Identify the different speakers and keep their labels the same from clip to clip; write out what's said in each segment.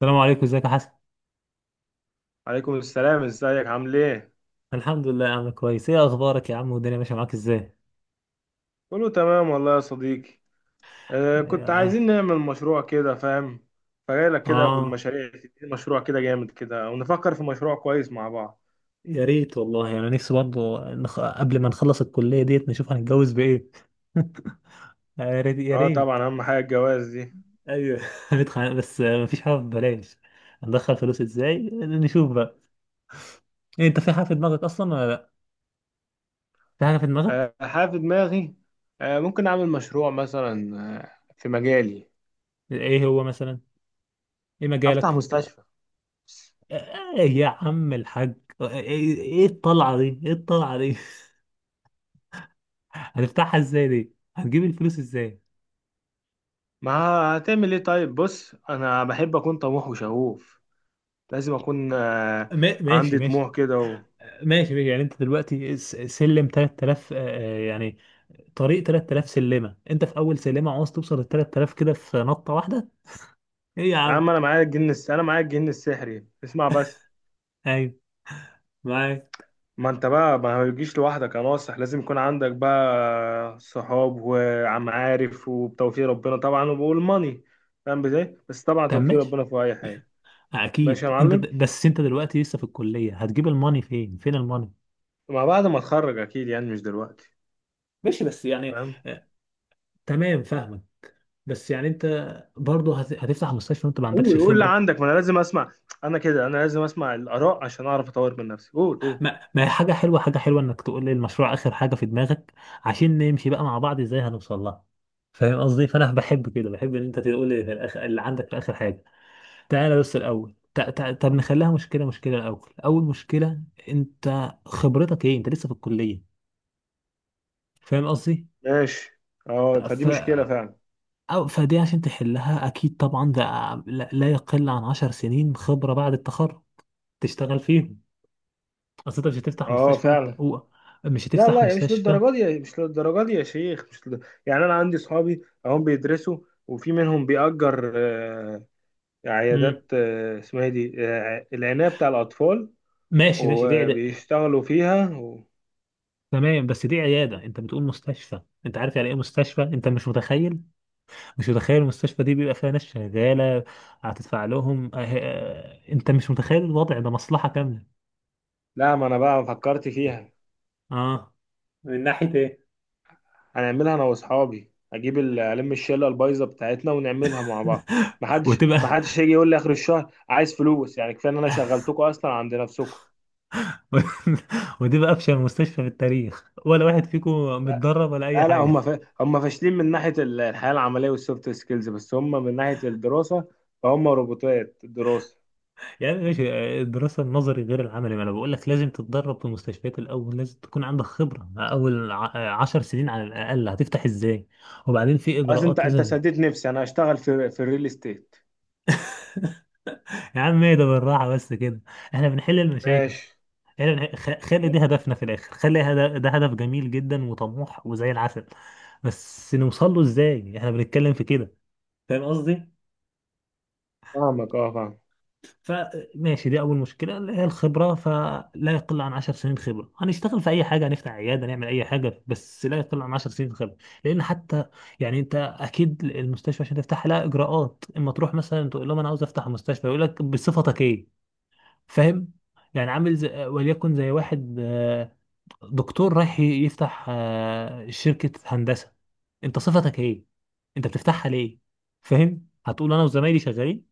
Speaker 1: السلام عليكم، ازيك يا حسن؟
Speaker 2: عليكم السلام، ازيك؟ عامل ايه؟
Speaker 1: الحمد لله يا عم، كويس. ايه اخبارك يا عم؟ والدنيا ماشيه معاك ازاي؟
Speaker 2: كله تمام والله يا صديقي. كنت
Speaker 1: يا-
Speaker 2: عايزين نعمل مشروع كده، فاهم؟ فجاي لك كده ابو
Speaker 1: اه،
Speaker 2: المشاريع تديني مشروع كده جامد كده، ونفكر في مشروع كويس مع بعض.
Speaker 1: يا ريت والله. انا يعني نفسي برضه قبل ما نخلص الكليه ديت نشوف هنتجوز بايه؟ يا ريت يا
Speaker 2: اه،
Speaker 1: ريت.
Speaker 2: طبعا اهم حاجه الجواز دي.
Speaker 1: ايوه. هندخل بس مفيش حاجه ببلاش. هندخل فلوس ازاي، نشوف بقى. إيه، انت في حاجه في دماغك اصلا ولا لا؟ في حاجه في دماغك؟
Speaker 2: آه، حاجه في دماغي. ممكن اعمل مشروع مثلا. في مجالي.
Speaker 1: ايه هو مثلا؟ ايه
Speaker 2: افتح
Speaker 1: مجالك؟
Speaker 2: مستشفى.
Speaker 1: آه يا عم الحاج. ايه؟ إيه الطلعه دي؟ ايه الطلعه دي؟ هتفتحها ازاي دي؟ هتجيب الفلوس ازاي؟
Speaker 2: ما هتعمل ايه؟ طيب، بص، انا بحب اكون طموح وشغوف. لازم اكون
Speaker 1: ماشي
Speaker 2: عندي
Speaker 1: ماشي.
Speaker 2: طموح كده
Speaker 1: ماشي ماشي، يعني انت دلوقتي سلم 3000، يعني. طريق 3000 سلمه، انت في اول سلمه عاوز توصل ل 3000 كده في نطه واحده؟ ايه يا
Speaker 2: يا
Speaker 1: عم؟
Speaker 2: عم، انا معايا الجن السحري، اسمع بس.
Speaker 1: ايوه، معاك.
Speaker 2: ما انت بقى ما بيجيش لوحدك يا ناصح، لازم يكون عندك بقى صحاب وعمعارف وبتوفيق ربنا طبعا والماني. فاهم ازاي؟ بس طبعا
Speaker 1: طب
Speaker 2: توفيق
Speaker 1: ماشي.
Speaker 2: ربنا في اي حاجه.
Speaker 1: اكيد
Speaker 2: ماشي يا
Speaker 1: انت
Speaker 2: معلم.
Speaker 1: بس انت دلوقتي لسه في الكليه، هتجيب الماني فين؟ فين الماني؟
Speaker 2: ما بعد ما اتخرج اكيد، يعني مش دلوقتي.
Speaker 1: ماشي بس يعني،
Speaker 2: فاهم؟
Speaker 1: آه، تمام فاهمك. بس يعني انت، برضه هتفتح مستشفى وانت ما عندكش
Speaker 2: قول قول اللي
Speaker 1: خبره؟
Speaker 2: عندك، ما انا لازم اسمع. انا كده، انا لازم اسمع الاراء عشان اعرف اطور من نفسي. قول قول.
Speaker 1: ما هي حاجة حلوة، حاجة حلوة انك تقول لي المشروع اخر حاجة في دماغك. عشان نمشي بقى مع بعض ازاي هنوصل لها. فاهم قصدي؟ فانا بحب كده، بحب ان انت تقول لي في الاخر اللي عندك في اخر حاجة. تعالى بس الاول، طب نخليها مشكلة، مشكلة الاول، اول مشكلة. انت خبرتك ايه؟ انت لسه في الكلية. فاهم قصدي.
Speaker 2: ماشي. اه، فدي
Speaker 1: ف...
Speaker 2: مشكله فعلا.
Speaker 1: أو فدي عشان تحلها اكيد طبعا ده لا لا يقل عن عشر سنين خبرة بعد التخرج تشتغل فيهم. اصل انت مش هتفتح
Speaker 2: اه،
Speaker 1: مستشفى وانت
Speaker 2: فعلا.
Speaker 1: مش
Speaker 2: لا
Speaker 1: هتفتح
Speaker 2: لا،
Speaker 1: مستشفى.
Speaker 2: مش للدرجه دي يا شيخ، مش لد... يعني انا عندي صحابي اهم بيدرسوا، وفي منهم بيأجر عيادات، اسمها إيه دي؟ العناية بتاع الأطفال،
Speaker 1: ماشي ماشي، دي عيادة.
Speaker 2: وبيشتغلوا فيها
Speaker 1: تمام بس دي عيادة، انت بتقول مستشفى، انت عارف يعني ايه مستشفى؟ انت مش متخيل. مش متخيل المستشفى دي بيبقى فيها ناس شغالة هتدفع لهم. اه اه، انت مش متخيل الوضع ده، مصلحة كاملة.
Speaker 2: لا، ما انا بقى فكرت فيها.
Speaker 1: اه، من ناحية ايه؟
Speaker 2: هنعملها انا واصحابي، اجيب ال- الم الشله البايظه بتاعتنا ونعملها مع بعض. محدش
Speaker 1: وتبقى
Speaker 2: محدش يجي يقول لي اخر الشهر عايز فلوس، يعني كفايه ان انا شغلتكم اصلا عند نفسكم.
Speaker 1: وتبقى افشل مستشفى في التاريخ، ولا واحد فيكم متدرب ولا اي
Speaker 2: لا لا،
Speaker 1: حاجة.
Speaker 2: هم فاشلين من ناحية الحياة العملية والسوفت سكيلز، بس هم من ناحية الدراسة فهم روبوتات الدراسة.
Speaker 1: يعني ماشي، الدراسة النظري غير العملي، ما انا بقول لك لازم تتدرب في المستشفيات الأول، لازم تكون عندك خبرة أول 10 سنين على الأقل، هتفتح ازاي؟ وبعدين في
Speaker 2: خلاص، انت
Speaker 1: إجراءات
Speaker 2: انت
Speaker 1: لازم.
Speaker 2: سديت نفسي. انا هشتغل في الريل استيت.
Speaker 1: يا عم ايه ده، بالراحة بس كده. احنا بنحل المشاكل.
Speaker 2: ماشي.
Speaker 1: خلي دي هدفنا في الآخر، خلي ده هدف جميل جدا وطموح وزي العسل. بس نوصل له ازاي؟ احنا بنتكلم في كده. فاهم قصدي؟
Speaker 2: فاهمك، اه، فاهم.
Speaker 1: فماشي، دي اول مشكله اللي هي الخبره، فلا يقل عن 10 سنين خبره. هنشتغل في اي حاجه، هنفتح عياده، نعمل اي حاجه، بس لا يقل عن 10 سنين خبره. لان حتى، يعني انت اكيد المستشفى عشان تفتحها لها اجراءات، اما تروح مثلا تقول لهم انا عاوز افتح مستشفى، يقول لك بصفتك ايه؟ فاهم. يعني عامل زي وليكن زي واحد دكتور رايح يفتح شركه هندسه. انت صفتك ايه؟ انت بتفتحها ليه؟ فاهم؟ هتقول انا وزمايلي شغالين.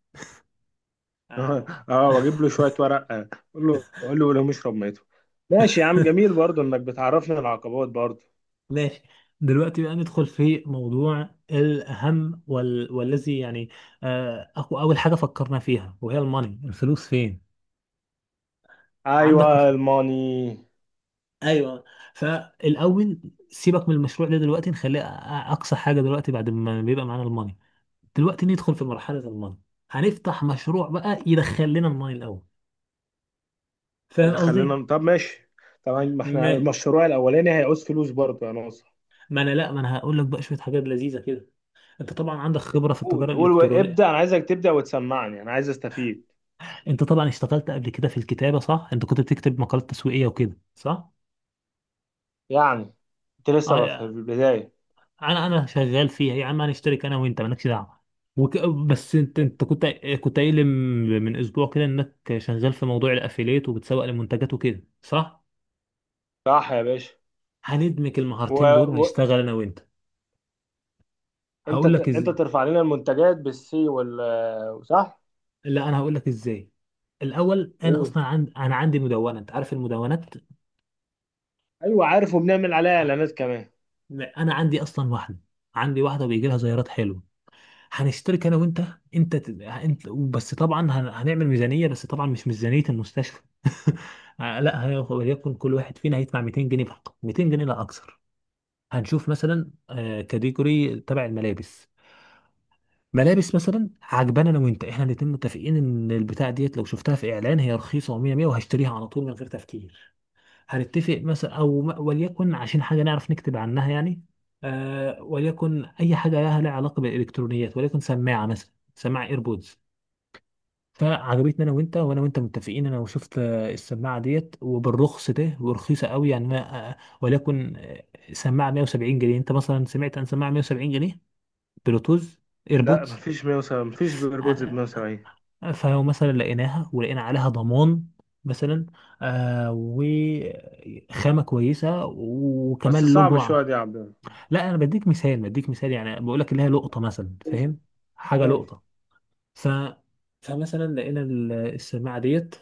Speaker 2: اه، واجيب له شوية ورق، اقول له، قول لهم اشرب ميته. ماشي يا عم، جميل برضو انك بتعرفني العقبات برضو.
Speaker 1: ماشي. دلوقتي بقى ندخل في موضوع الأهم والذي يعني، أول حاجة فكرنا فيها وهي الماني، الفلوس فين؟ عندك.
Speaker 2: ايوه، الماني.
Speaker 1: ايوه. فالاول، سيبك من المشروع ده دلوقتي، نخليه اقصى حاجه دلوقتي، بعد ما بيبقى معانا الماني. دلوقتي ندخل في مرحله الماني. هنفتح مشروع بقى يدخل لنا الماني الاول. فاهم
Speaker 2: اذا
Speaker 1: قصدي؟
Speaker 2: خلينا، طب ماشي. طبعا، ما احنا
Speaker 1: ما
Speaker 2: المشروع الاولاني هيعوز فلوس برضو يا ناصر.
Speaker 1: ما انا لا ما انا هقول لك بقى شويه حاجات لذيذه كده. انت طبعا عندك خبره في
Speaker 2: قول
Speaker 1: التجاره
Speaker 2: قول
Speaker 1: الالكترونيه.
Speaker 2: ابدا، انا عايزك تبدا وتسمعني، انا عايز استفيد.
Speaker 1: انت طبعا اشتغلت قبل كده في الكتابة، صح؟ انت كنت بتكتب مقالات تسويقية وكده، صح؟
Speaker 2: يعني انت لسه في
Speaker 1: آه،
Speaker 2: البدايه.
Speaker 1: انا شغال فيها يا عم، هنشترك انا وانت مالكش دعوة. وك... بس انت كنت، كنت قايل لي من اسبوع كده انك شغال في موضوع الافيليت وبتسوق لمنتجات وكده، صح؟
Speaker 2: صح يا باشا.
Speaker 1: هندمج
Speaker 2: و...
Speaker 1: المهارتين دول
Speaker 2: و...
Speaker 1: ونشتغل انا وانت. هقول لك از...
Speaker 2: انت ترفع لنا المنتجات بالسي صح؟
Speaker 1: لا انا هقول لك ازاي. الاول انا
Speaker 2: قول.
Speaker 1: اصلا انا عندي مدونة، انت عارف المدونات.
Speaker 2: ايوه عارف، وبنعمل عليها اعلانات كمان.
Speaker 1: انا عندي اصلا واحدة. عندي واحدة بيجي لها زيارات حلوة. هنشترك انا وانت. انت ت- انت بس طبعا هنعمل ميزانيه بس طبعا مش ميزانيه المستشفى. لا وليكن كل واحد فينا هيدفع 200 جنيه فقط، 200 جنيه لا اكثر. هنشوف مثلا كاتيجوري تبع الملابس. ملابس مثلا عجبانا انا وانت، احنا الاتنين متفقين ان البتاع ديت لو شفتها في اعلان هي رخيصه، و100 100 وهشتريها على طول من غير تفكير. هنتفق مثلا او وليكن عشان حاجه نعرف نكتب عنها، يعني وليكن اي حاجه لها علاقه بالالكترونيات، وليكن سماعه مثلا، سماعه ايربودز. فعجبتني انا وانت، وانا وانت متفقين، انا وشفت السماعه ديت وبالرخص ده ورخيصه قوي يعني انا، وليكن سماعه 170 جنيه، انت مثلا سمعت عن سماعه 170 جنيه بلوتوز
Speaker 2: لا،
Speaker 1: ايربودز؟
Speaker 2: مفيش 170، مفيش بيربودز ب
Speaker 1: آه،
Speaker 2: 170.
Speaker 1: فلو مثلا لقيناها ولقينا عليها ضمان مثلا، وخامة كويسة
Speaker 2: بس
Speaker 1: وكمان له
Speaker 2: صعب شويه
Speaker 1: جرعة.
Speaker 2: دي يا عبد الله.
Speaker 1: لا انا بديك مثال، بديك مثال يعني، بقول لك اللي هي لقطة مثلا، فاهم؟ حاجة
Speaker 2: ماشي.
Speaker 1: لقطة. ف فمثلا لقينا السماعة ديت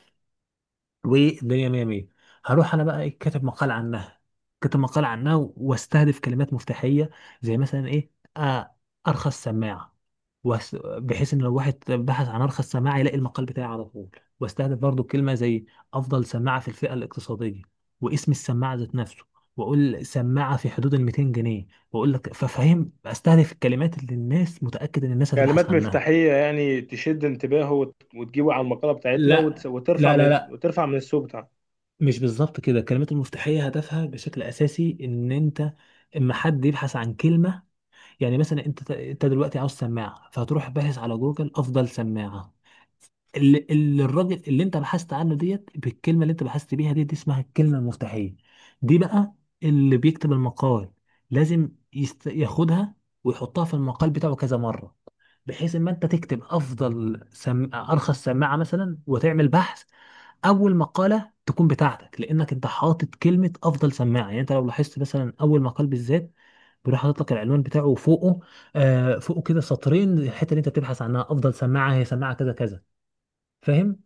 Speaker 1: والدنيا مية مية، هروح انا بقى ايه، كاتب مقال عنها. كاتب مقال عنها واستهدف كلمات مفتاحية، زي مثلا ايه؟ آه ارخص سماعة، بحيث ان لو واحد بحث عن ارخص سماعة يلاقي المقال بتاعي على طول. واستهدف برضو كلمة زي افضل سماعة في الفئة الاقتصادية، واسم السماعة ذات نفسه، واقول سماعة في حدود ال 200 جنيه، واقول لك ففهم استهدف الكلمات اللي الناس متأكد ان الناس هتبحث
Speaker 2: كلمات
Speaker 1: عنها.
Speaker 2: مفتاحيه، يعني تشد انتباهه وتجيبه على المقاله بتاعتنا،
Speaker 1: لا لا لا،
Speaker 2: وترفع من السوق.
Speaker 1: مش بالظبط كده. الكلمات المفتاحية هدفها بشكل أساسي إن أنت اما حد يبحث عن كلمة، يعني مثلا أنت دلوقتي عاوز سماعة، فهتروح باحث على جوجل أفضل سماعة، اللي الراجل اللي أنت بحثت عنه ديت بالكلمة اللي أنت بحثت بيها دي اسمها الكلمة المفتاحية. دي بقى اللي بيكتب المقال لازم ياخدها ويحطها في المقال بتاعه كذا مرة، بحيث إما أنت تكتب أفضل أرخص سماعة مثلا، وتعمل بحث اول مقاله تكون بتاعتك لانك انت حاطط كلمه افضل سماعه. يعني انت لو لاحظت مثلا اول مقال بالذات بيروح حاطط لك العنوان بتاعه، وفوقه فوقه كده سطرين الحته اللي انت بتبحث عنها، افضل سماعه هي سماعه كذا كذا. فاهم؟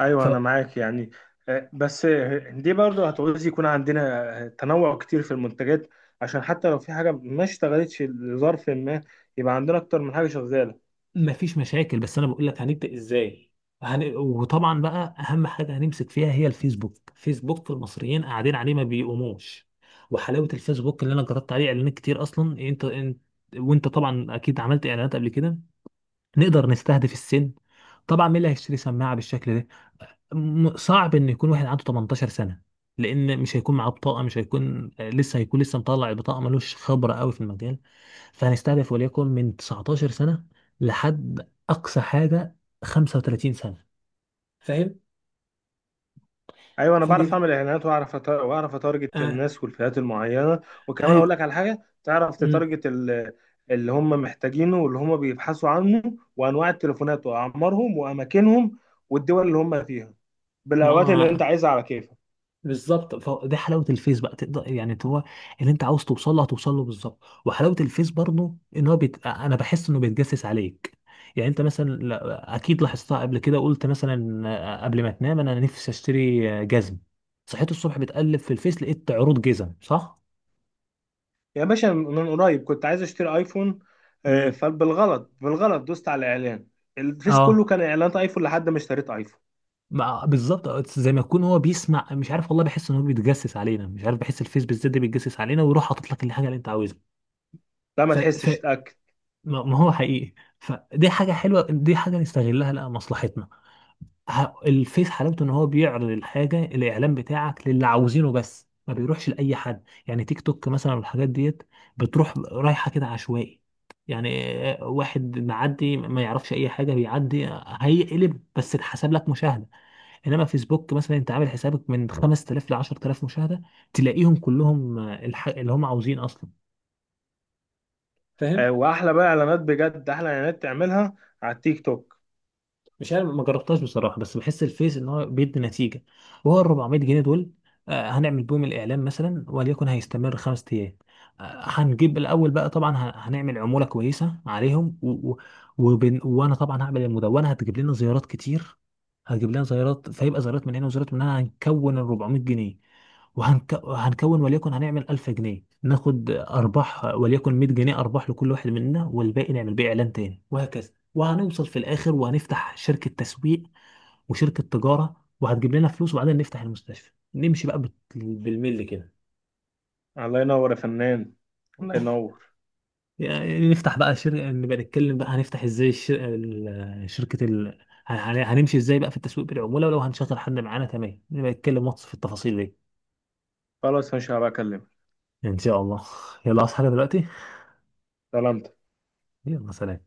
Speaker 2: ايوه، انا معاك يعني. بس، دي برضه هتعوز يكون عندنا تنوع كتير في المنتجات، عشان حتى لو في حاجه ما اشتغلتش لظرف ما، يبقى عندنا اكتر من حاجه شغاله.
Speaker 1: فمفيش مشاكل بس انا بقول لك هنبدا ازاي. وطبعا بقى اهم حاجه هنمسك فيها هي الفيسبوك. فيسبوك المصريين قاعدين عليه ما بيقوموش، وحلاوه الفيسبوك اللي انا جربت عليه اعلانات كتير اصلا، انت وانت طبعا اكيد عملت اعلانات قبل كده. نقدر نستهدف السن، طبعا مين اللي هيشتري سماعه بالشكل ده. صعب ان يكون واحد عنده 18 سنه، لان مش هيكون معاه بطاقه، مش هيكون لسه، هيكون لسه مطلع البطاقه ملوش خبره قوي في المجال. فهنستهدف وليكن من 19 سنه لحد اقصى حاجه 35 سنه. فاهم؟
Speaker 2: ايوه، انا بعرف
Speaker 1: فدي
Speaker 2: اعمل اعلانات، واعرف اتارجت
Speaker 1: آه
Speaker 2: الناس والفئات المعينه. وكمان اقول
Speaker 1: ايوه.
Speaker 2: لك على حاجه. تعرف
Speaker 1: مم.
Speaker 2: تتارجت اللي هم محتاجينه واللي هم بيبحثوا عنه، وانواع التليفونات واعمارهم واماكنهم، والدول اللي هم فيها، بالاوقات اللي انت
Speaker 1: ما
Speaker 2: عايزها على كيف.
Speaker 1: بالظبط، فدي حلاوه الفيس بقى تقدر، يعني هو اللي انت عاوز توصل له هتوصل له بالظبط. وحلاوه الفيس برضه ان هو انا بحس انه بيتجسس عليك، يعني انت مثلا اكيد لاحظتها قبل كده، قلت مثلا قبل ما تنام انا نفسي اشتري جزم، صحيت الصبح بتقلب في الفيس لقيت عروض جزم، صح؟
Speaker 2: يا باشا، من قريب كنت عايز اشتري ايفون.
Speaker 1: امم
Speaker 2: فبالغلط بالغلط دوست على الاعلان. الفيس كله
Speaker 1: اه،
Speaker 2: كان اعلانات ايفون لحد ما اشتريت ايفون.
Speaker 1: بالظبط، زي ما يكون هو بيسمع، مش عارف والله، بحس ان هو بيتجسس علينا، مش عارف، بحس الفيس بالذات ده بيتجسس علينا ويروح حاطط لك الحاجه اللي انت
Speaker 2: لا، ما
Speaker 1: عاوزها.
Speaker 2: تحسش، اتاكد.
Speaker 1: ما ما هو حقيقي. فدي حاجة حلوة، دي حاجة نستغلها لأ مصلحتنا. الفيس حلاوته إن هو بيعرض الحاجة، الإعلان بتاعك للي عاوزينه بس، ما بيروحش لأي حد. يعني تيك توك مثلا والحاجات ديت بتروح رايحة كده عشوائي يعني، واحد معدي ما يعرفش أي حاجة بيعدي هيقلب بس اتحسب لك مشاهدة. إنما فيسبوك مثلا أنت عامل حسابك من 5000 ل 10000 مشاهدة، تلاقيهم كلهم اللي هم عاوزين أصلا. فاهم؟
Speaker 2: واحلى بقى اعلانات بجد، احلى اعلانات تعملها على التيك توك.
Speaker 1: مش عارف ما جربتهاش بصراحه، بس بحس الفيس ان هو بيدي نتيجه. وهو ال 400 جنيه دول، هنعمل بيهم الاعلان مثلا، وليكن هيستمر 5 ايام. هنجيب الاول بقى طبعا، هنعمل عموله كويسه عليهم وانا طبعا هعمل المدونه هتجيب لنا زيارات كتير. هتجيب لنا زيارات، فيبقى زيارات من هنا وزيارات من هنا هنكون ال 400 جنيه، هنكون وليكن هنعمل 1000 جنيه، ناخد ارباح وليكن 100 جنيه ارباح لكل واحد مننا، والباقي نعمل بيه اعلان تاني وهكذا. وهنوصل في الاخر وهنفتح شركه تسويق وشركه تجاره وهتجيب لنا فلوس، وبعدين نفتح المستشفى نمشي بقى بالملي كده.
Speaker 2: الله ينور يا فنان، الله ينور.
Speaker 1: يعني نفتح بقى شركه، نبقى نتكلم بقى هنفتح ازاي شركه هنمشي ازاي بقى في التسويق بالعموله، ولو هنشغل حد معانا، تمام نبقى نتكلم ماتش في التفاصيل دي.
Speaker 2: خلاص، مش هبقى اكلمك.
Speaker 1: ان شاء الله. يلا اصحى حاجة دلوقتي.
Speaker 2: سلام.
Speaker 1: يلا سلام.